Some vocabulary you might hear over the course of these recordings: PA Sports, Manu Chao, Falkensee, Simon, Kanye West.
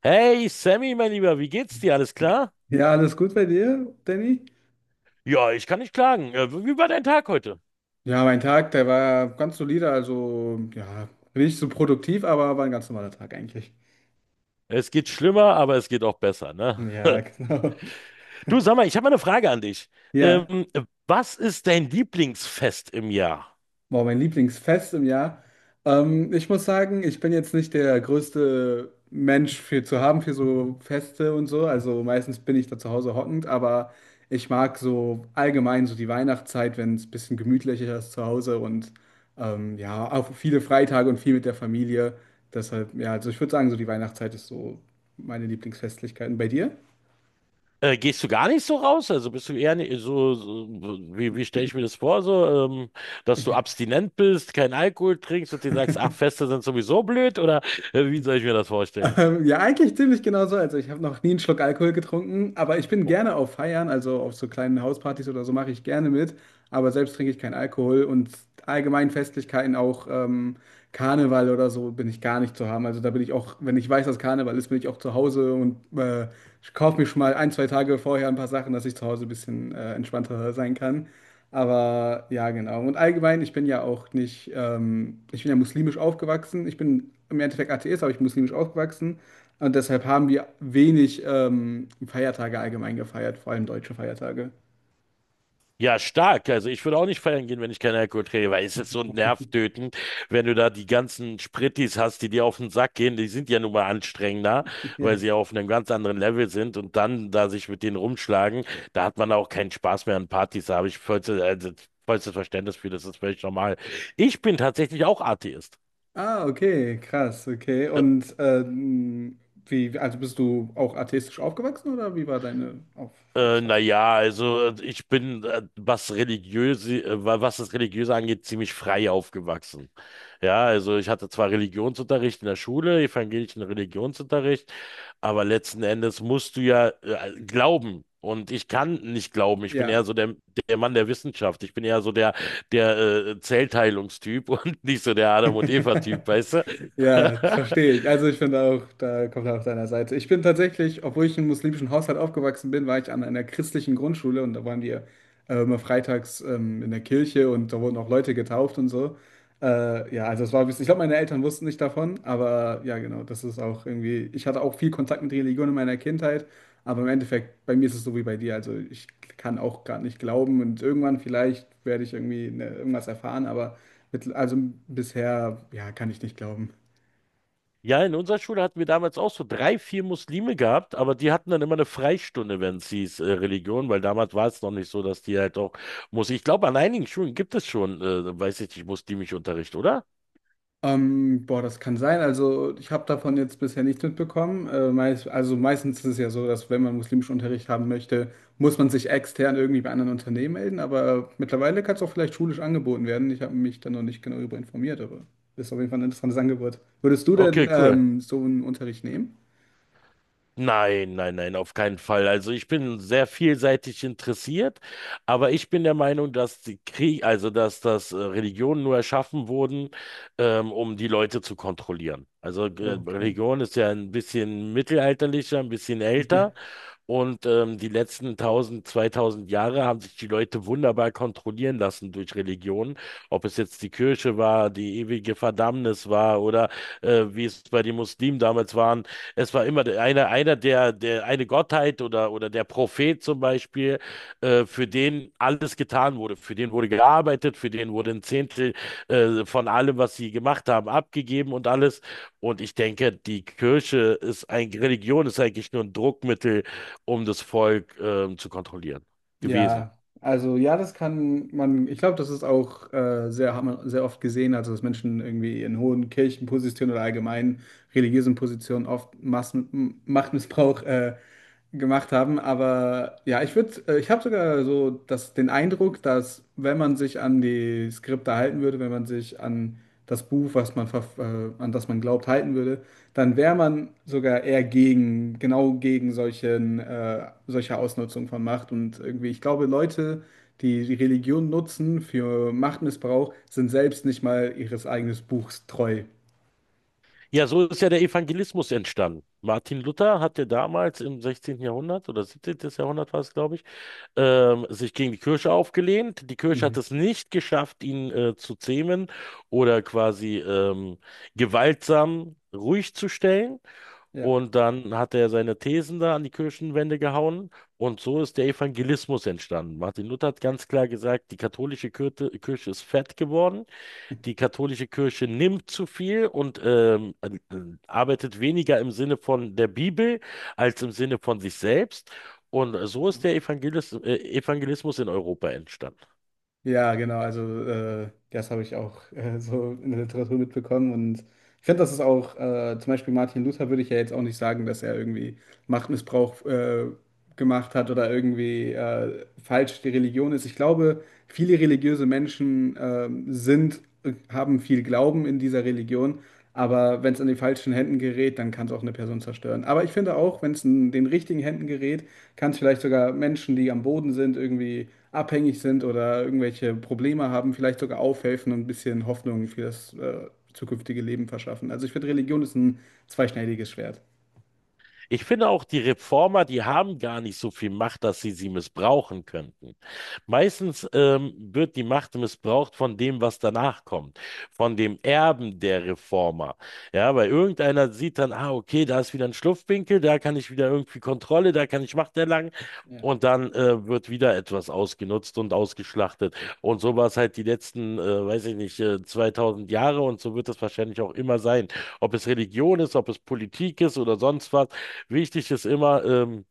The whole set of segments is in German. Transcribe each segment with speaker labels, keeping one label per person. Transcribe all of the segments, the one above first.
Speaker 1: Hey Sammy, mein Lieber, wie geht's dir? Alles klar?
Speaker 2: Ja, alles gut bei dir, Danny?
Speaker 1: Ja, ich kann nicht klagen. Wie war dein Tag heute?
Speaker 2: Ja, mein Tag, der war ganz solide, also ja, nicht so produktiv, aber war ein ganz normaler Tag eigentlich.
Speaker 1: Es geht schlimmer, aber es geht auch besser, ne?
Speaker 2: Ja, genau.
Speaker 1: Du, sag mal, ich habe mal eine Frage an dich.
Speaker 2: Ja.
Speaker 1: Ähm, was ist dein Lieblingsfest im Jahr?
Speaker 2: Boah, mein Lieblingsfest im Jahr. Ich muss sagen, ich bin jetzt nicht der größte Mensch für zu haben für so Feste und so. Also meistens bin ich da zu Hause hockend, aber ich mag so allgemein so die Weihnachtszeit, wenn es ein bisschen gemütlicher ist zu Hause und ja, auch viele Freitage und viel mit der Familie. Deshalb, ja, also ich würde sagen, so die Weihnachtszeit ist so meine Lieblingsfestlichkeiten. Bei dir?
Speaker 1: Gehst du gar nicht so raus? Also bist du eher so, wie stelle ich mir das vor? So, dass du abstinent bist, keinen Alkohol trinkst und dir sagst, ach, Feste sind sowieso blöd? Oder wie soll ich mir das vorstellen?
Speaker 2: Ja, eigentlich ziemlich genau so. Also ich habe noch nie einen Schluck Alkohol getrunken, aber ich bin gerne auf Feiern, also auf so kleinen Hauspartys oder so mache ich gerne mit, aber selbst trinke ich keinen Alkohol und allgemein Festlichkeiten, auch Karneval oder so, bin ich gar nicht zu haben. Also da bin ich auch, wenn ich weiß, dass Karneval ist, bin ich auch zu Hause und ich kaufe mir schon mal ein, zwei Tage vorher ein paar Sachen, dass ich zu Hause ein bisschen entspannter sein kann. Aber ja, genau. Und allgemein, ich bin ja auch nicht, ich bin ja muslimisch aufgewachsen. Ich bin im Endeffekt Atheist, aber ich bin muslimisch aufgewachsen. Und deshalb haben wir wenig Feiertage allgemein gefeiert, vor allem deutsche Feiertage.
Speaker 1: Ja, stark. Also ich würde auch nicht feiern gehen, wenn ich keinen Alkohol trinke, weil es ist so nervtötend, wenn du da die ganzen Sprittis hast, die dir auf den Sack gehen. Die sind ja nun mal anstrengender, weil
Speaker 2: Ja.
Speaker 1: sie ja auf einem ganz anderen Level sind und dann da sich mit denen rumschlagen, da hat man auch keinen Spaß mehr an Partys. Da habe ich vollstes Verständnis für, das ist völlig normal. Ich bin tatsächlich auch Atheist.
Speaker 2: Ah, okay, krass, okay. Und wie, also bist du auch atheistisch aufgewachsen oder wie war deine
Speaker 1: Äh,
Speaker 2: Aufwachsphase?
Speaker 1: naja, also ich bin, was religiöse, was das Religiöse angeht, ziemlich frei aufgewachsen. Ja, also ich hatte zwar Religionsunterricht in der Schule, evangelischen Religionsunterricht, aber letzten Endes musst du ja glauben. Und ich kann nicht glauben. Ich bin eher
Speaker 2: Ja.
Speaker 1: so der Mann der Wissenschaft. Ich bin eher so der Zellteilungstyp und nicht so der Adam und Eva-Typ, weißt du?
Speaker 2: Ja, verstehe ich. Also ich finde auch, da kommt er auf deiner Seite. Ich bin tatsächlich, obwohl ich in einem muslimischen Haushalt aufgewachsen bin, war ich an einer christlichen Grundschule und da waren wir immer freitags in der Kirche und da wurden auch Leute getauft und so. Ja, also es war, ich glaube, meine Eltern wussten nicht davon, aber ja, genau, das ist auch irgendwie, ich hatte auch viel Kontakt mit Religion in meiner Kindheit, aber im Endeffekt, bei mir ist es so wie bei dir. Also ich kann auch gerade nicht glauben und irgendwann vielleicht werde ich irgendwie ne, irgendwas erfahren, aber mit, also bisher, ja, kann ich nicht glauben.
Speaker 1: Ja, in unserer Schule hatten wir damals auch so drei, vier Muslime gehabt, aber die hatten dann immer eine Freistunde, wenn es hieß Religion, weil damals war es noch nicht so, dass die halt auch muss. Ich glaube, an einigen Schulen gibt es schon, weiß ich nicht, muslimischen Unterricht, oder?
Speaker 2: Boah, das kann sein. Also ich habe davon jetzt bisher nichts mitbekommen. Meist, also meistens ist es ja so, dass wenn man muslimischen Unterricht haben möchte, muss man sich extern irgendwie bei anderen Unternehmen melden. Aber mittlerweile kann es auch vielleicht schulisch angeboten werden. Ich habe mich da noch nicht genau darüber informiert, aber ist auf jeden Fall ein interessantes Angebot. Würdest du denn
Speaker 1: Okay, cool.
Speaker 2: so einen Unterricht nehmen?
Speaker 1: Nein, nein, nein, auf keinen Fall. Also ich bin sehr vielseitig interessiert, aber ich bin der Meinung, dass die Krieg, also dass das Religionen nur erschaffen wurden, um die Leute zu kontrollieren. Also
Speaker 2: Okay.
Speaker 1: Religion ist ja ein bisschen mittelalterlicher, ein bisschen älter. Und die letzten 1000, 2000 Jahre haben sich die Leute wunderbar kontrollieren lassen durch Religion. Ob es jetzt die Kirche war, die ewige Verdammnis war oder wie es bei den Muslimen damals waren. Es war immer einer der, eine Gottheit oder der Prophet zum Beispiel, für den alles getan wurde. Für den wurde gearbeitet, für den wurde ein Zehntel von allem, was sie gemacht haben, abgegeben und alles. Und ich denke, die Kirche ist ein, Religion ist eigentlich nur ein Druckmittel, um das Volk zu kontrollieren gewesen.
Speaker 2: Ja, also ja, das kann man, ich glaube, das ist auch sehr, hat man sehr oft gesehen, also dass Menschen irgendwie in hohen Kirchenpositionen oder allgemein religiösen Positionen oft Massen, M- Machtmissbrauch gemacht haben. Aber ja, ich würde, ich habe sogar so das, den Eindruck, dass wenn man sich an die Skripte halten würde, wenn man sich an das Buch, was man verf- an das man glaubt, halten würde, dann wäre man sogar eher gegen, genau gegen solchen, solche Ausnutzung von Macht. Und irgendwie, ich glaube, Leute, die Religion nutzen für Machtmissbrauch, sind selbst nicht mal ihres eigenen Buchs treu.
Speaker 1: Ja, so ist ja der Evangelismus entstanden. Martin Luther hatte damals im 16. Jahrhundert oder 17. Jahrhundert war es, glaube ich, sich gegen die Kirche aufgelehnt. Die Kirche hat
Speaker 2: Mhm.
Speaker 1: es nicht geschafft, ihn zu zähmen oder quasi gewaltsam ruhig zu stellen.
Speaker 2: Ja.
Speaker 1: Und dann hat er seine Thesen da an die Kirchenwände gehauen. Und so ist der Evangelismus entstanden. Martin Luther hat ganz klar gesagt, die katholische Kirche, Kirche ist fett geworden, die katholische Kirche nimmt zu viel und arbeitet weniger im Sinne von der Bibel als im Sinne von sich selbst. Und so ist der Evangelismus in Europa entstanden.
Speaker 2: Ja, genau, also das habe ich auch so in der Literatur mitbekommen und ich finde, das ist auch, zum Beispiel Martin Luther würde ich ja jetzt auch nicht sagen, dass er irgendwie Machtmissbrauch gemacht hat oder irgendwie falsch die Religion ist. Ich glaube, viele religiöse Menschen sind, haben viel Glauben in dieser Religion, aber wenn es in die falschen Händen gerät, dann kann es auch eine Person zerstören. Aber ich finde auch, wenn es in den richtigen Händen gerät, kann es vielleicht sogar Menschen, die am Boden sind, irgendwie abhängig sind oder irgendwelche Probleme haben, vielleicht sogar aufhelfen und ein bisschen Hoffnung für das zukünftige Leben verschaffen. Also ich finde, Religion ist ein zweischneidiges Schwert.
Speaker 1: Ich finde auch, die Reformer, die haben gar nicht so viel Macht, dass sie sie missbrauchen könnten. Meistens wird die Macht missbraucht von dem, was danach kommt, von dem Erben der Reformer. Ja, weil irgendeiner sieht dann, ah, okay, da ist wieder ein Schlupfwinkel, da kann ich wieder irgendwie Kontrolle, da kann ich Macht erlangen.
Speaker 2: Ja.
Speaker 1: Und dann wird wieder etwas ausgenutzt und ausgeschlachtet. Und so war es halt die letzten, weiß ich nicht, 2000 Jahre und so wird es wahrscheinlich auch immer sein. Ob es Religion ist, ob es Politik ist oder sonst was. Wichtig ist immer,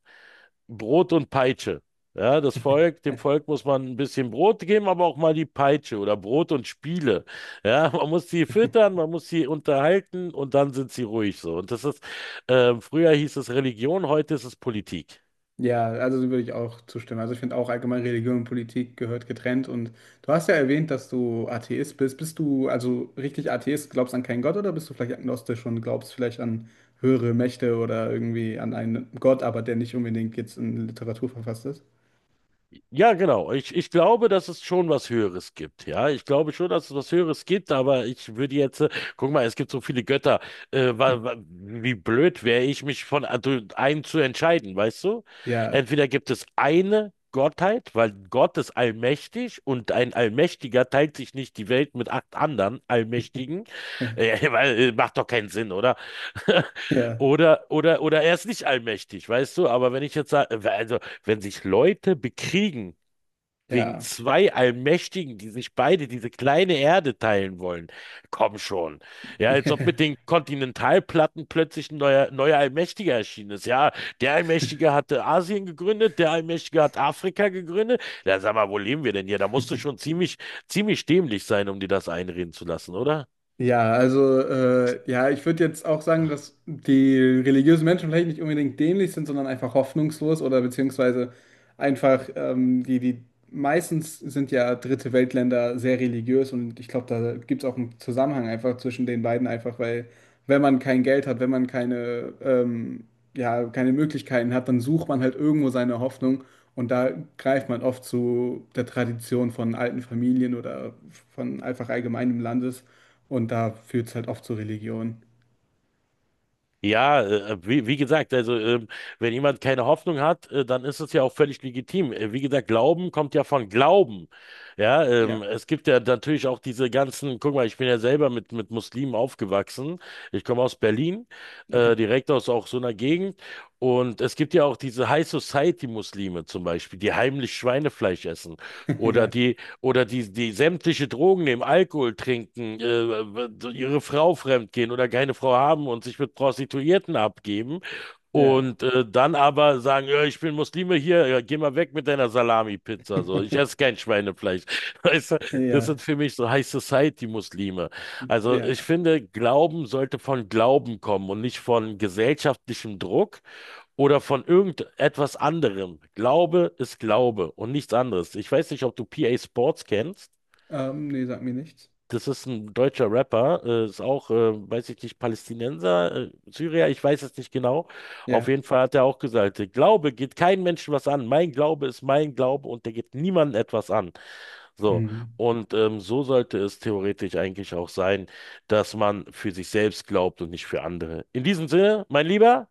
Speaker 1: Brot und Peitsche. Ja, das Volk, dem
Speaker 2: Ja.
Speaker 1: Volk muss man ein bisschen Brot geben, aber auch mal die Peitsche oder Brot und Spiele. Ja, man muss sie füttern, man muss sie unterhalten und dann sind sie ruhig so. Und das ist, früher hieß es Religion, heute ist es Politik.
Speaker 2: Ja, also so würde ich auch zustimmen. Also ich finde auch allgemein Religion und Politik gehört getrennt. Und du hast ja erwähnt, dass du Atheist bist. Bist du also richtig Atheist, glaubst an keinen Gott oder bist du vielleicht agnostisch und glaubst vielleicht an höhere Mächte oder irgendwie an einen Gott, aber der nicht unbedingt jetzt in Literatur verfasst ist?
Speaker 1: Ja, genau. Ich glaube, dass es schon was Höheres gibt. Ja, ich glaube schon, dass es was Höheres gibt, aber ich würde jetzt, guck mal, es gibt so viele Götter. Äh, wa, wa, wie blöd wäre ich, mich von einem zu entscheiden, weißt du?
Speaker 2: Ja,
Speaker 1: Entweder gibt es eine Gottheit, weil Gott ist allmächtig und ein Allmächtiger teilt sich nicht die Welt mit acht anderen Allmächtigen,
Speaker 2: ja,
Speaker 1: weil macht doch keinen Sinn, oder? Oder er ist nicht allmächtig, weißt du? Aber wenn ich jetzt sage, wenn sich Leute bekriegen wegen
Speaker 2: ja,
Speaker 1: zwei Allmächtigen, die sich beide diese kleine Erde teilen wollen. Komm schon. Ja, als ob
Speaker 2: ja.
Speaker 1: mit den Kontinentalplatten plötzlich ein neuer Allmächtiger erschienen ist. Ja, der Allmächtige hatte Asien gegründet, der Allmächtige hat Afrika gegründet. Ja, sag mal, wo leben wir denn hier? Da musst du schon ziemlich, ziemlich dämlich sein, um dir das einreden zu lassen, oder?
Speaker 2: Ja, also ja, ich würde jetzt auch sagen, dass die religiösen Menschen vielleicht nicht unbedingt dämlich sind, sondern einfach hoffnungslos oder beziehungsweise einfach die, die meistens sind ja Dritte Weltländer sehr religiös und ich glaube, da gibt es auch einen Zusammenhang einfach zwischen den beiden, einfach weil wenn man kein Geld hat, wenn man keine, ja, keine Möglichkeiten hat, dann sucht man halt irgendwo seine Hoffnung. Und da greift man oft zu der Tradition von alten Familien oder von einfach allgemeinem Landes. Und da führt es halt oft zur Religion.
Speaker 1: Ja, wie gesagt, also wenn jemand keine Hoffnung hat, dann ist es ja auch völlig legitim. Wie gesagt, Glauben kommt ja von Glauben. Ja,
Speaker 2: Ja.
Speaker 1: es gibt ja natürlich auch diese ganzen, guck mal, ich bin ja selber mit, Muslimen aufgewachsen. Ich komme aus Berlin,
Speaker 2: Ja.
Speaker 1: direkt aus auch so einer Gegend. Und es gibt ja auch diese High Society Muslime zum Beispiel, die heimlich Schweinefleisch essen oder
Speaker 2: Ja.
Speaker 1: die oder die, die sämtliche Drogen nehmen, Alkohol trinken, ihre Frau fremdgehen oder keine Frau haben und sich mit Prostituierten abgeben.
Speaker 2: Ja.
Speaker 1: Und dann aber sagen, ja, ich bin Muslime hier, ja, geh mal weg mit deiner Salami-Pizza. So, ich esse kein Schweinefleisch. Weißt du, das
Speaker 2: Ja.
Speaker 1: sind für mich so High Society-Muslime. Also
Speaker 2: Ja.
Speaker 1: ich finde, Glauben sollte von Glauben kommen und nicht von gesellschaftlichem Druck oder von irgendetwas anderem. Glaube ist Glaube und nichts anderes. Ich weiß nicht, ob du PA Sports kennst.
Speaker 2: Nee, sag mir nichts.
Speaker 1: Das ist ein deutscher Rapper, ist auch, weiß ich nicht, Palästinenser, Syrier, ich weiß es nicht genau. Auf
Speaker 2: Ja.
Speaker 1: jeden Fall hat er auch gesagt, Glaube geht keinem Menschen was an. Mein Glaube ist mein Glaube und der geht niemandem etwas an. So,
Speaker 2: Mhm.
Speaker 1: und so sollte es theoretisch eigentlich auch sein, dass man für sich selbst glaubt und nicht für andere. In diesem Sinne, mein Lieber,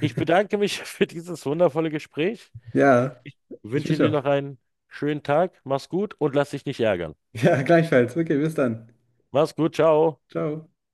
Speaker 1: ich bedanke mich für dieses wundervolle Gespräch.
Speaker 2: Ja,
Speaker 1: Ich
Speaker 2: ich
Speaker 1: wünsche
Speaker 2: mich
Speaker 1: dir
Speaker 2: auch.
Speaker 1: noch einen schönen Tag, mach's gut und lass dich nicht ärgern.
Speaker 2: Ja, gleichfalls. Okay, bis dann.
Speaker 1: Mach's gut, ciao.
Speaker 2: Ciao.